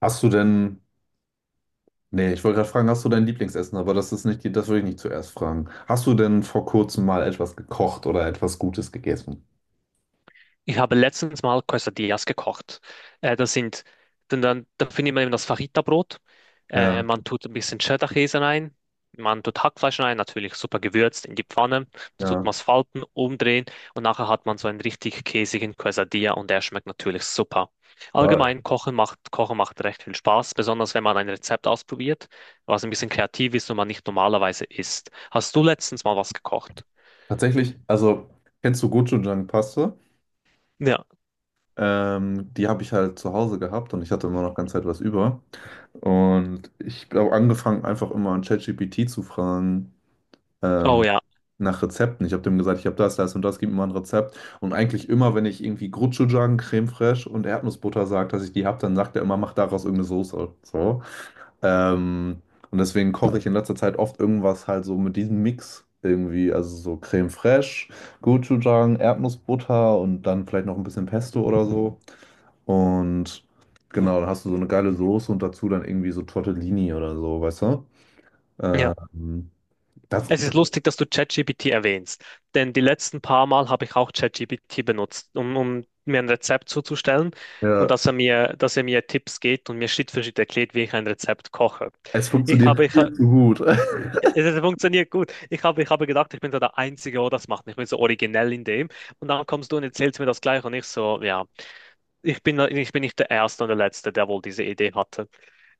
Hast du denn, nee, ich wollte gerade fragen, hast du dein Lieblingsessen, aber das würde ich nicht zuerst fragen. Hast du denn vor kurzem mal etwas gekocht oder etwas Gutes gegessen? Ich habe letztens mal Quesadillas gekocht. Das sind, dann, dann, dann findet man eben das Fajita-Brot. Äh, Ja, man tut ein bisschen Cheddar-Käse rein. Man tut Hackfleisch rein, natürlich super gewürzt in die Pfanne. Da tut ja. man es falten, umdrehen und nachher hat man so einen richtig käsigen Quesadilla und der schmeckt natürlich super. Ja, Allgemein, Kochen macht recht viel Spaß, besonders wenn man ein Rezept ausprobiert, was ein bisschen kreativ ist und man nicht normalerweise isst. Hast du letztens mal was gekocht? tatsächlich, also kennst du Gochujang-Paste? Ja, Die habe ich halt zu Hause gehabt und ich hatte immer noch ganz Zeit was über. Und ich habe angefangen, einfach immer an ChatGPT zu fragen, oh ähm, ja. nach Rezepten. Ich habe dem gesagt, ich habe das, das und das, gib mir mal ein Rezept. Und eigentlich immer, wenn ich irgendwie Gochujang, Creme Fraiche und Erdnussbutter sage, dass ich die habe, dann sagt er immer, mach daraus irgendeine Soße. So. Ähm, und deswegen koche ich in letzter Zeit oft irgendwas halt so mit diesem Mix irgendwie, also so Creme Fraiche, Gochujang, Erdnussbutter und dann vielleicht noch ein bisschen Pesto oder so. Und genau, dann hast du so eine geile Soße und dazu dann irgendwie so Tortellini oder so, weißt du? Ja. Ähm, das, Es das, ist lustig, dass du ChatGPT erwähnst, denn die letzten paar Mal habe ich auch ChatGPT benutzt, um mir ein Rezept zuzustellen und ja, dass er mir Tipps gibt und mir Schritt für Schritt erklärt, wie ich ein Rezept koche. es Ich funktioniert habe, ich viel habe, zu gut. es funktioniert gut. Ich habe gedacht, ich bin so der Einzige, der das macht. Ich bin so originell in dem. Und dann kommst du und erzählst mir das gleich und ich so, ja ich bin nicht der Erste und der Letzte, der wohl diese Idee hatte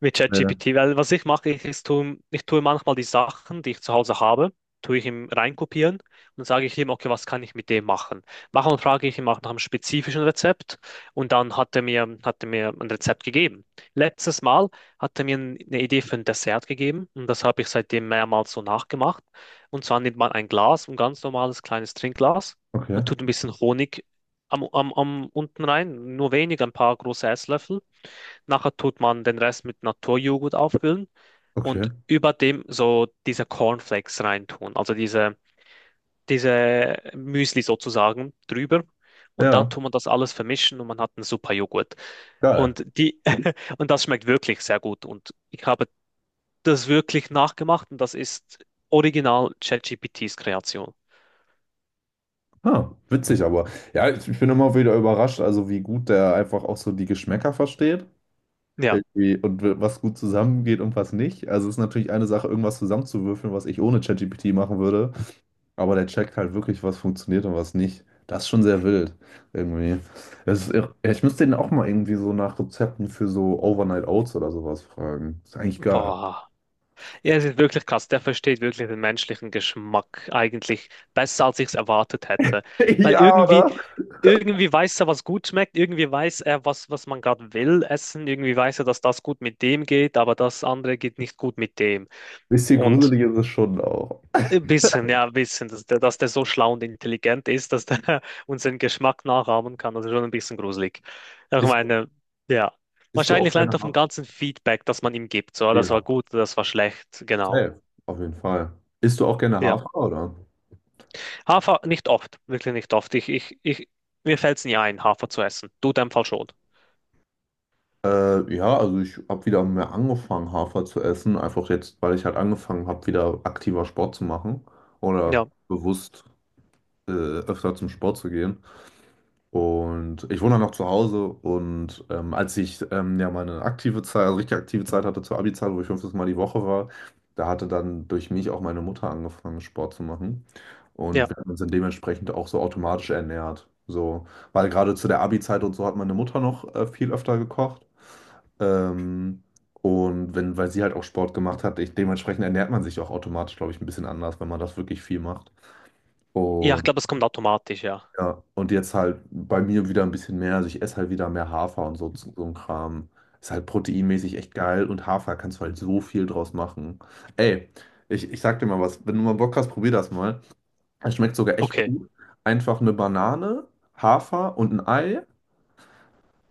mit Ja, ChatGPT, weil was ich mache, ich, ist, ich tue manchmal die Sachen, die ich zu Hause habe, tue ich ihm reinkopieren und dann sage ich ihm, okay, was kann ich mit dem machen? Manchmal frage ich ihm auch nach einem spezifischen Rezept und dann hat er mir ein Rezept gegeben. Letztes Mal hat er mir eine Idee für ein Dessert gegeben und das habe ich seitdem mehrmals so nachgemacht. Und zwar nimmt man ein Glas, ein ganz normales kleines Trinkglas. okay, Man tut ein bisschen Honig am unten rein, nur wenig, ein paar große Esslöffel. Nachher tut man den Rest mit Naturjoghurt auffüllen und okay. über dem so diese Cornflakes reintun, diese Müsli sozusagen drüber. Und dann Ja, tut man das alles vermischen und man hat einen super Joghurt. geil. Und die, und das schmeckt wirklich sehr gut. Und ich habe das wirklich nachgemacht und das ist original ChatGPTs Kreation. Ah, witzig, aber ja, ich bin immer wieder überrascht, also wie gut der einfach auch so die Geschmäcker versteht. Ja, Irgendwie und was gut zusammengeht und was nicht. Also es ist natürlich eine Sache, irgendwas zusammenzuwürfeln, was ich ohne ChatGPT machen würde. Aber der checkt halt wirklich, was funktioniert und was nicht. Das ist schon sehr wild. Irgendwie. Das ist irre. Ich müsste den auch mal irgendwie so nach Rezepten für so Overnight Oats oder sowas fragen. Ist eigentlich geil. boah. Ja, es ist wirklich krass. Der versteht wirklich den menschlichen Geschmack eigentlich besser, als ich es erwartet hätte. Weil Ja, irgendwie, irgendwie weiß er, was gut schmeckt, irgendwie weiß er, was man gerade will essen, irgendwie weiß er, dass das gut mit dem geht, aber das andere geht nicht gut mit dem. bisschen Und gruselig ist es schon auch. ein bisschen, ja, ein bisschen, dass der so schlau und intelligent ist, dass der unseren Geschmack nachahmen kann, das ist schon ein bisschen gruselig. Ich Isst, meine, ja. Isst du auch Wahrscheinlich lernt gerne er vom Hafer? ganzen Feedback, das man ihm gibt. So, das Ja, war gut, das war schlecht, genau. safe, auf jeden Fall. Isst du auch gerne Ja. Hafer, oder? Hafer nicht oft, wirklich nicht oft. Mir fällt es nie ein, Hafer zu essen. Du in deinem Fall schon. Ja, also ich habe wieder mehr angefangen, Hafer zu essen. Einfach jetzt, weil ich halt angefangen habe, wieder aktiver Sport zu machen oder Ja, bewusst öfter zum Sport zu gehen. Und ich wohne dann noch zu Hause und als ich ja meine aktive Zeit, also richtig aktive Zeit hatte zur Abi-Zeit, wo ich fünftes Mal die Woche war, da hatte dann durch mich auch meine Mutter angefangen, Sport zu machen. Und ja. wir haben uns dann dementsprechend auch so automatisch ernährt. So, weil gerade zu der Abi-Zeit und so hat meine Mutter noch viel öfter gekocht. Ähm, und wenn, weil sie halt auch Sport gemacht hat, ich, dementsprechend ernährt man sich auch automatisch, glaube ich, ein bisschen anders, wenn man das wirklich viel macht. Ja, ich Und glaube, das kommt automatisch, ja. ja, und jetzt halt bei mir wieder ein bisschen mehr. Also ich esse halt wieder mehr Hafer und so, so ein Kram. Ist halt proteinmäßig echt geil und Hafer kannst du halt so viel draus machen. Ey, ich sag dir mal was, wenn du mal Bock hast, probier das mal. Es schmeckt sogar echt Okay. gut. Einfach eine Banane, Hafer und ein Ei,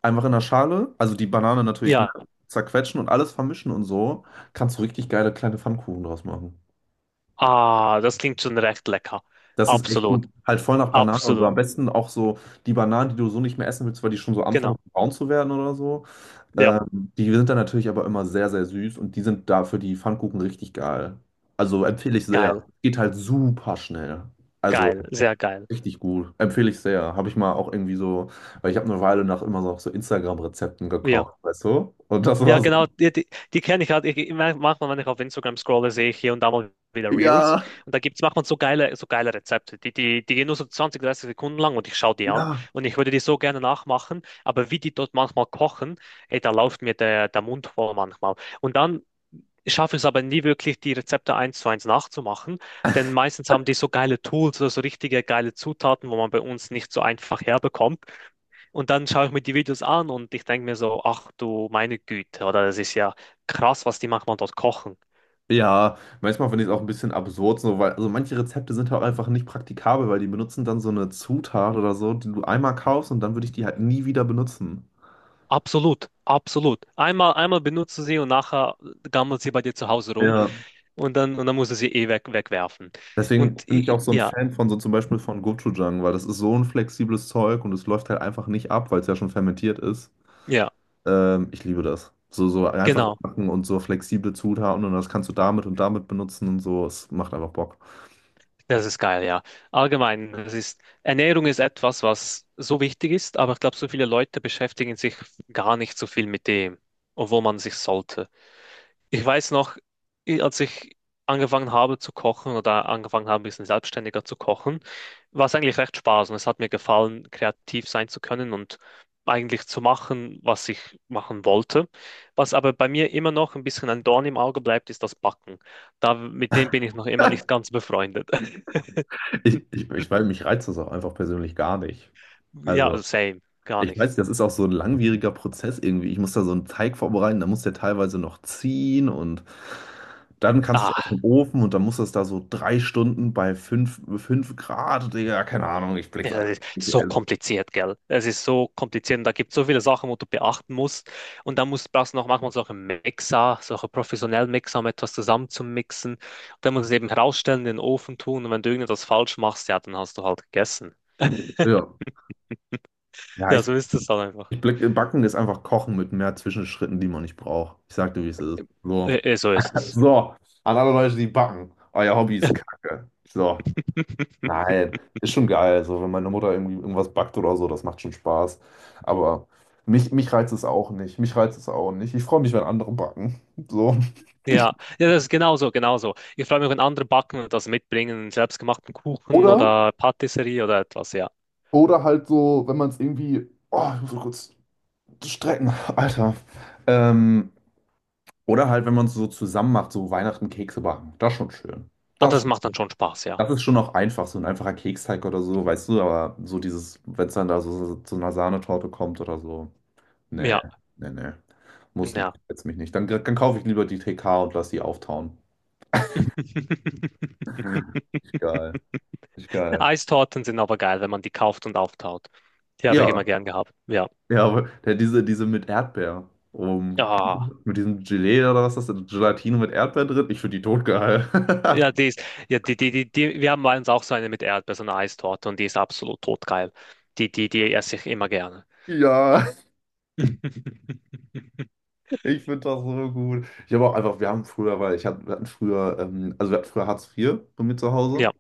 einfach in der Schale, also die Banane natürlich, ne, Ja. zerquetschen und alles vermischen und so, kannst du richtig geile kleine Pfannkuchen draus machen. Ah, das klingt schon recht lecker. Das ist echt Absolut. gut. Halt voll nach Banane und so. Absolut. Am besten auch so die Bananen, die du so nicht mehr essen willst, weil die schon so anfangen Genau. braun zu werden oder so. Ja. Die sind dann natürlich aber immer sehr, sehr süß und die sind da für die Pfannkuchen richtig geil. Also empfehle ich sehr. Geil. Geht halt super schnell. Also Geil. Sehr geil. richtig gut. Empfehle ich sehr. Habe ich mal auch irgendwie so, weil ich habe eine Weile nach immer noch so Instagram-Rezepten Ja. gekocht, weißt du? Und das Ja, war genau, so. Die kenne ich halt. Ich- manchmal, wenn ich auf Instagram scrolle, sehe ich hier und da mal wieder Reels. Ja, Und da gibt's, es manchmal so geile Rezepte. Die gehen nur so 20, 30 Sekunden lang und ich schaue die an. ja. Und ich würde die so gerne nachmachen. Aber wie die dort manchmal kochen, ey, da läuft mir der Mund voll manchmal. Und dann schaffe ich es aber nie wirklich, die Rezepte eins zu eins nachzumachen. Denn meistens haben die so geile Tools oder so richtige geile Zutaten, wo man bei uns nicht so einfach herbekommt. Und dann schaue ich mir die Videos an und ich denke mir so, ach du meine Güte, oder das ist ja krass, was die manchmal dort kochen. Ja, manchmal finde ich es auch ein bisschen absurd, so, weil also manche Rezepte sind halt einfach nicht praktikabel, weil die benutzen dann so eine Zutat oder so, die du einmal kaufst und dann würde ich die halt nie wieder benutzen. Absolut, absolut. Einmal, einmal benutzt du sie und nachher gammelt sie bei dir zu Hause rum Ja. und und dann musst du sie eh wegwerfen. Deswegen bin ich auch so ein Ja, Fan von so zum Beispiel von Gochujang, weil das ist so ein flexibles Zeug und es läuft halt einfach nicht ab, weil es ja schon fermentiert ist. ja, Ich liebe das. So, so einfache genau. Sachen und so flexible Zutaten und das kannst du damit und damit benutzen und so. Es macht einfach Bock. Das ist geil, ja. Allgemein, Ernährung ist etwas, was so wichtig ist, aber ich glaube, so viele Leute beschäftigen sich gar nicht so viel mit dem, obwohl man sich sollte. Ich weiß noch, als ich angefangen habe zu kochen oder angefangen habe, ein bisschen selbstständiger zu kochen, war es eigentlich recht Spaß und es hat mir gefallen, kreativ sein zu können und eigentlich zu machen, was ich machen wollte. Was aber bei mir immer noch ein bisschen ein Dorn im Auge bleibt, ist das Backen. Da, mit dem bin ich noch immer nicht ganz befreundet. Ich, weil mich reizt das auch einfach persönlich gar nicht. Ja, Also. same, gar Ich nicht. weiß, das ist auch so ein langwieriger Prozess irgendwie. Ich muss da so einen Teig vorbereiten, dann muss der teilweise noch ziehen und dann kannst du es erst Ah. im Ofen und dann muss das da so drei Stunden bei fünf Grad, Digga, keine Ahnung, ich Ja, blick's alle. das ist so Also, kompliziert, gell? Es ist so kompliziert und da gibt es so viele Sachen, wo du beachten musst. Und brauchst du noch manchmal solche Mixer, solche professionellen Mixer, um etwas zusammenzumixen. Und dann musst du es eben herausstellen, in den Ofen tun. Und wenn du irgendetwas falsch machst, ja, dann hast du halt gegessen. ja, ja Ja, ich, so ist es halt einfach. ich blick, Backen ist einfach Kochen mit mehr Zwischenschritten, die man nicht braucht. Ich sag dir, wie es ist. So, So ist es. so, an alle Leute, die backen, euer Hobby ist Kacke. So. Nein, ist schon geil. Also, wenn meine Mutter irgendwie irgendwas backt oder so, das macht schon Spaß. Aber mich reizt es auch nicht. Mich reizt es auch nicht. Ich freue mich, wenn andere backen. So. Ja, ja, das ist genauso, genauso. Ich freue mich, wenn andere backen und das mitbringen, einen selbstgemachten Kuchen Oder, oder Patisserie oder etwas, ja. oder halt so, wenn man es irgendwie. Oh, ich muss mal kurz strecken, Alter. Ähm, oder halt, wenn man es so zusammen macht, so Weihnachten Kekse backen. Das ist schon schön. Ah, Das, ist das schon- macht dann schon Spaß, ja. Das ist schon auch einfach, so ein einfacher Keksteig oder so, weißt du, aber so dieses, wenn es dann da so zu einer Sahnetorte kommt oder so. Nee, Ja, nee, nee. Muss nicht, ja. jetzt mich nicht. Dann kaufe ich lieber die TK und lass die auftauen. Richtig geil. Richtig geil. Eistorten sind aber geil, wenn man die kauft und auftaut. Die habe ich immer Ja, gern gehabt. Ja. ja, aber diese mit Erdbeer. Um, Ja. mit diesem Gelee oder was ist das? Gelatine mit Erdbeer drin? Ich finde die totgeil. Ja, die ist, ja, die, die, die, die, wir haben bei uns auch so eine mit Erdbeer, so eine Eistorte und die ist absolut totgeil. Die esse ich immer gerne. Ja, ich finde das so gut. Ich habe auch einfach, wir haben früher, wir hatten früher, also wir hatten früher Hartz vier bei mir zu Hause. Ja,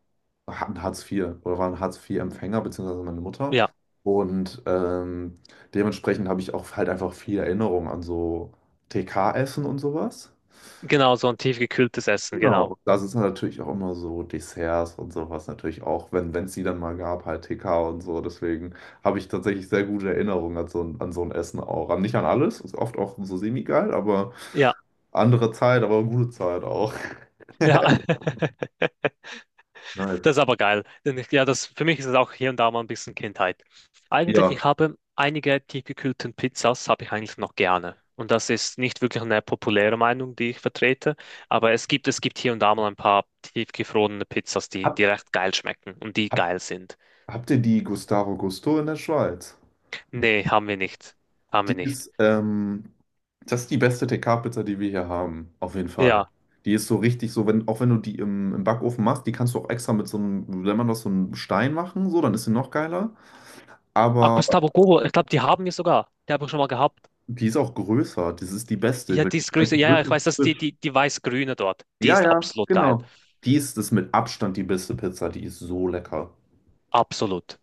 Hatten Hartz vier oder waren Hartz vier empfänger beziehungsweise meine Mutter. ja, Und dementsprechend habe ich auch halt einfach viel Erinnerung an so TK-Essen und sowas. genau, so ein tiefgekühltes Essen, Genau, genau. und da sind natürlich auch immer so Desserts und sowas natürlich auch, wenn es die dann mal gab, halt TK und so. Deswegen habe ich tatsächlich sehr gute Erinnerungen an so, an so ein Essen auch. Nicht an alles, ist oft auch so semi-geil, aber Ja, andere Zeit, aber gute Zeit auch. ja. Nice. Das ist aber geil. Denn ich, ja, das, für mich ist es auch hier und da mal ein bisschen Kindheit. Eigentlich, Ja. ich habe einige tiefgekühlten Pizzas, habe ich eigentlich noch gerne. Und das ist nicht wirklich eine populäre Meinung, die ich vertrete, aber es gibt hier und da mal ein paar tiefgefrorene Pizzas, Hab, die recht geil schmecken und die hab, geil sind. Habt ihr die Gustavo Gusto in der Schweiz? Nee, haben wir nicht. Haben wir Die nicht. ist, das ist die beste TK-Pizza, die wir hier haben, auf jeden Ja. Fall. Die ist so richtig so, wenn, auch wenn du die im Backofen machst, die kannst du auch extra mit so einem, wenn man das so einem Stein machen, so, dann ist sie noch geiler. Ach, Aber Gustavo Gobo, ich glaube, die haben wir sogar. Die habe ich schon mal gehabt. die ist auch größer. Das ist die beste, Ja, weil die die ist größer. schmeckt Ja, ja, ich wirklich weiß, dass frisch. Die weiß-grüne dort, die Ja, ist ja, absolut geil. genau. Die ist das mit Abstand die beste Pizza. Die ist so lecker. Absolut.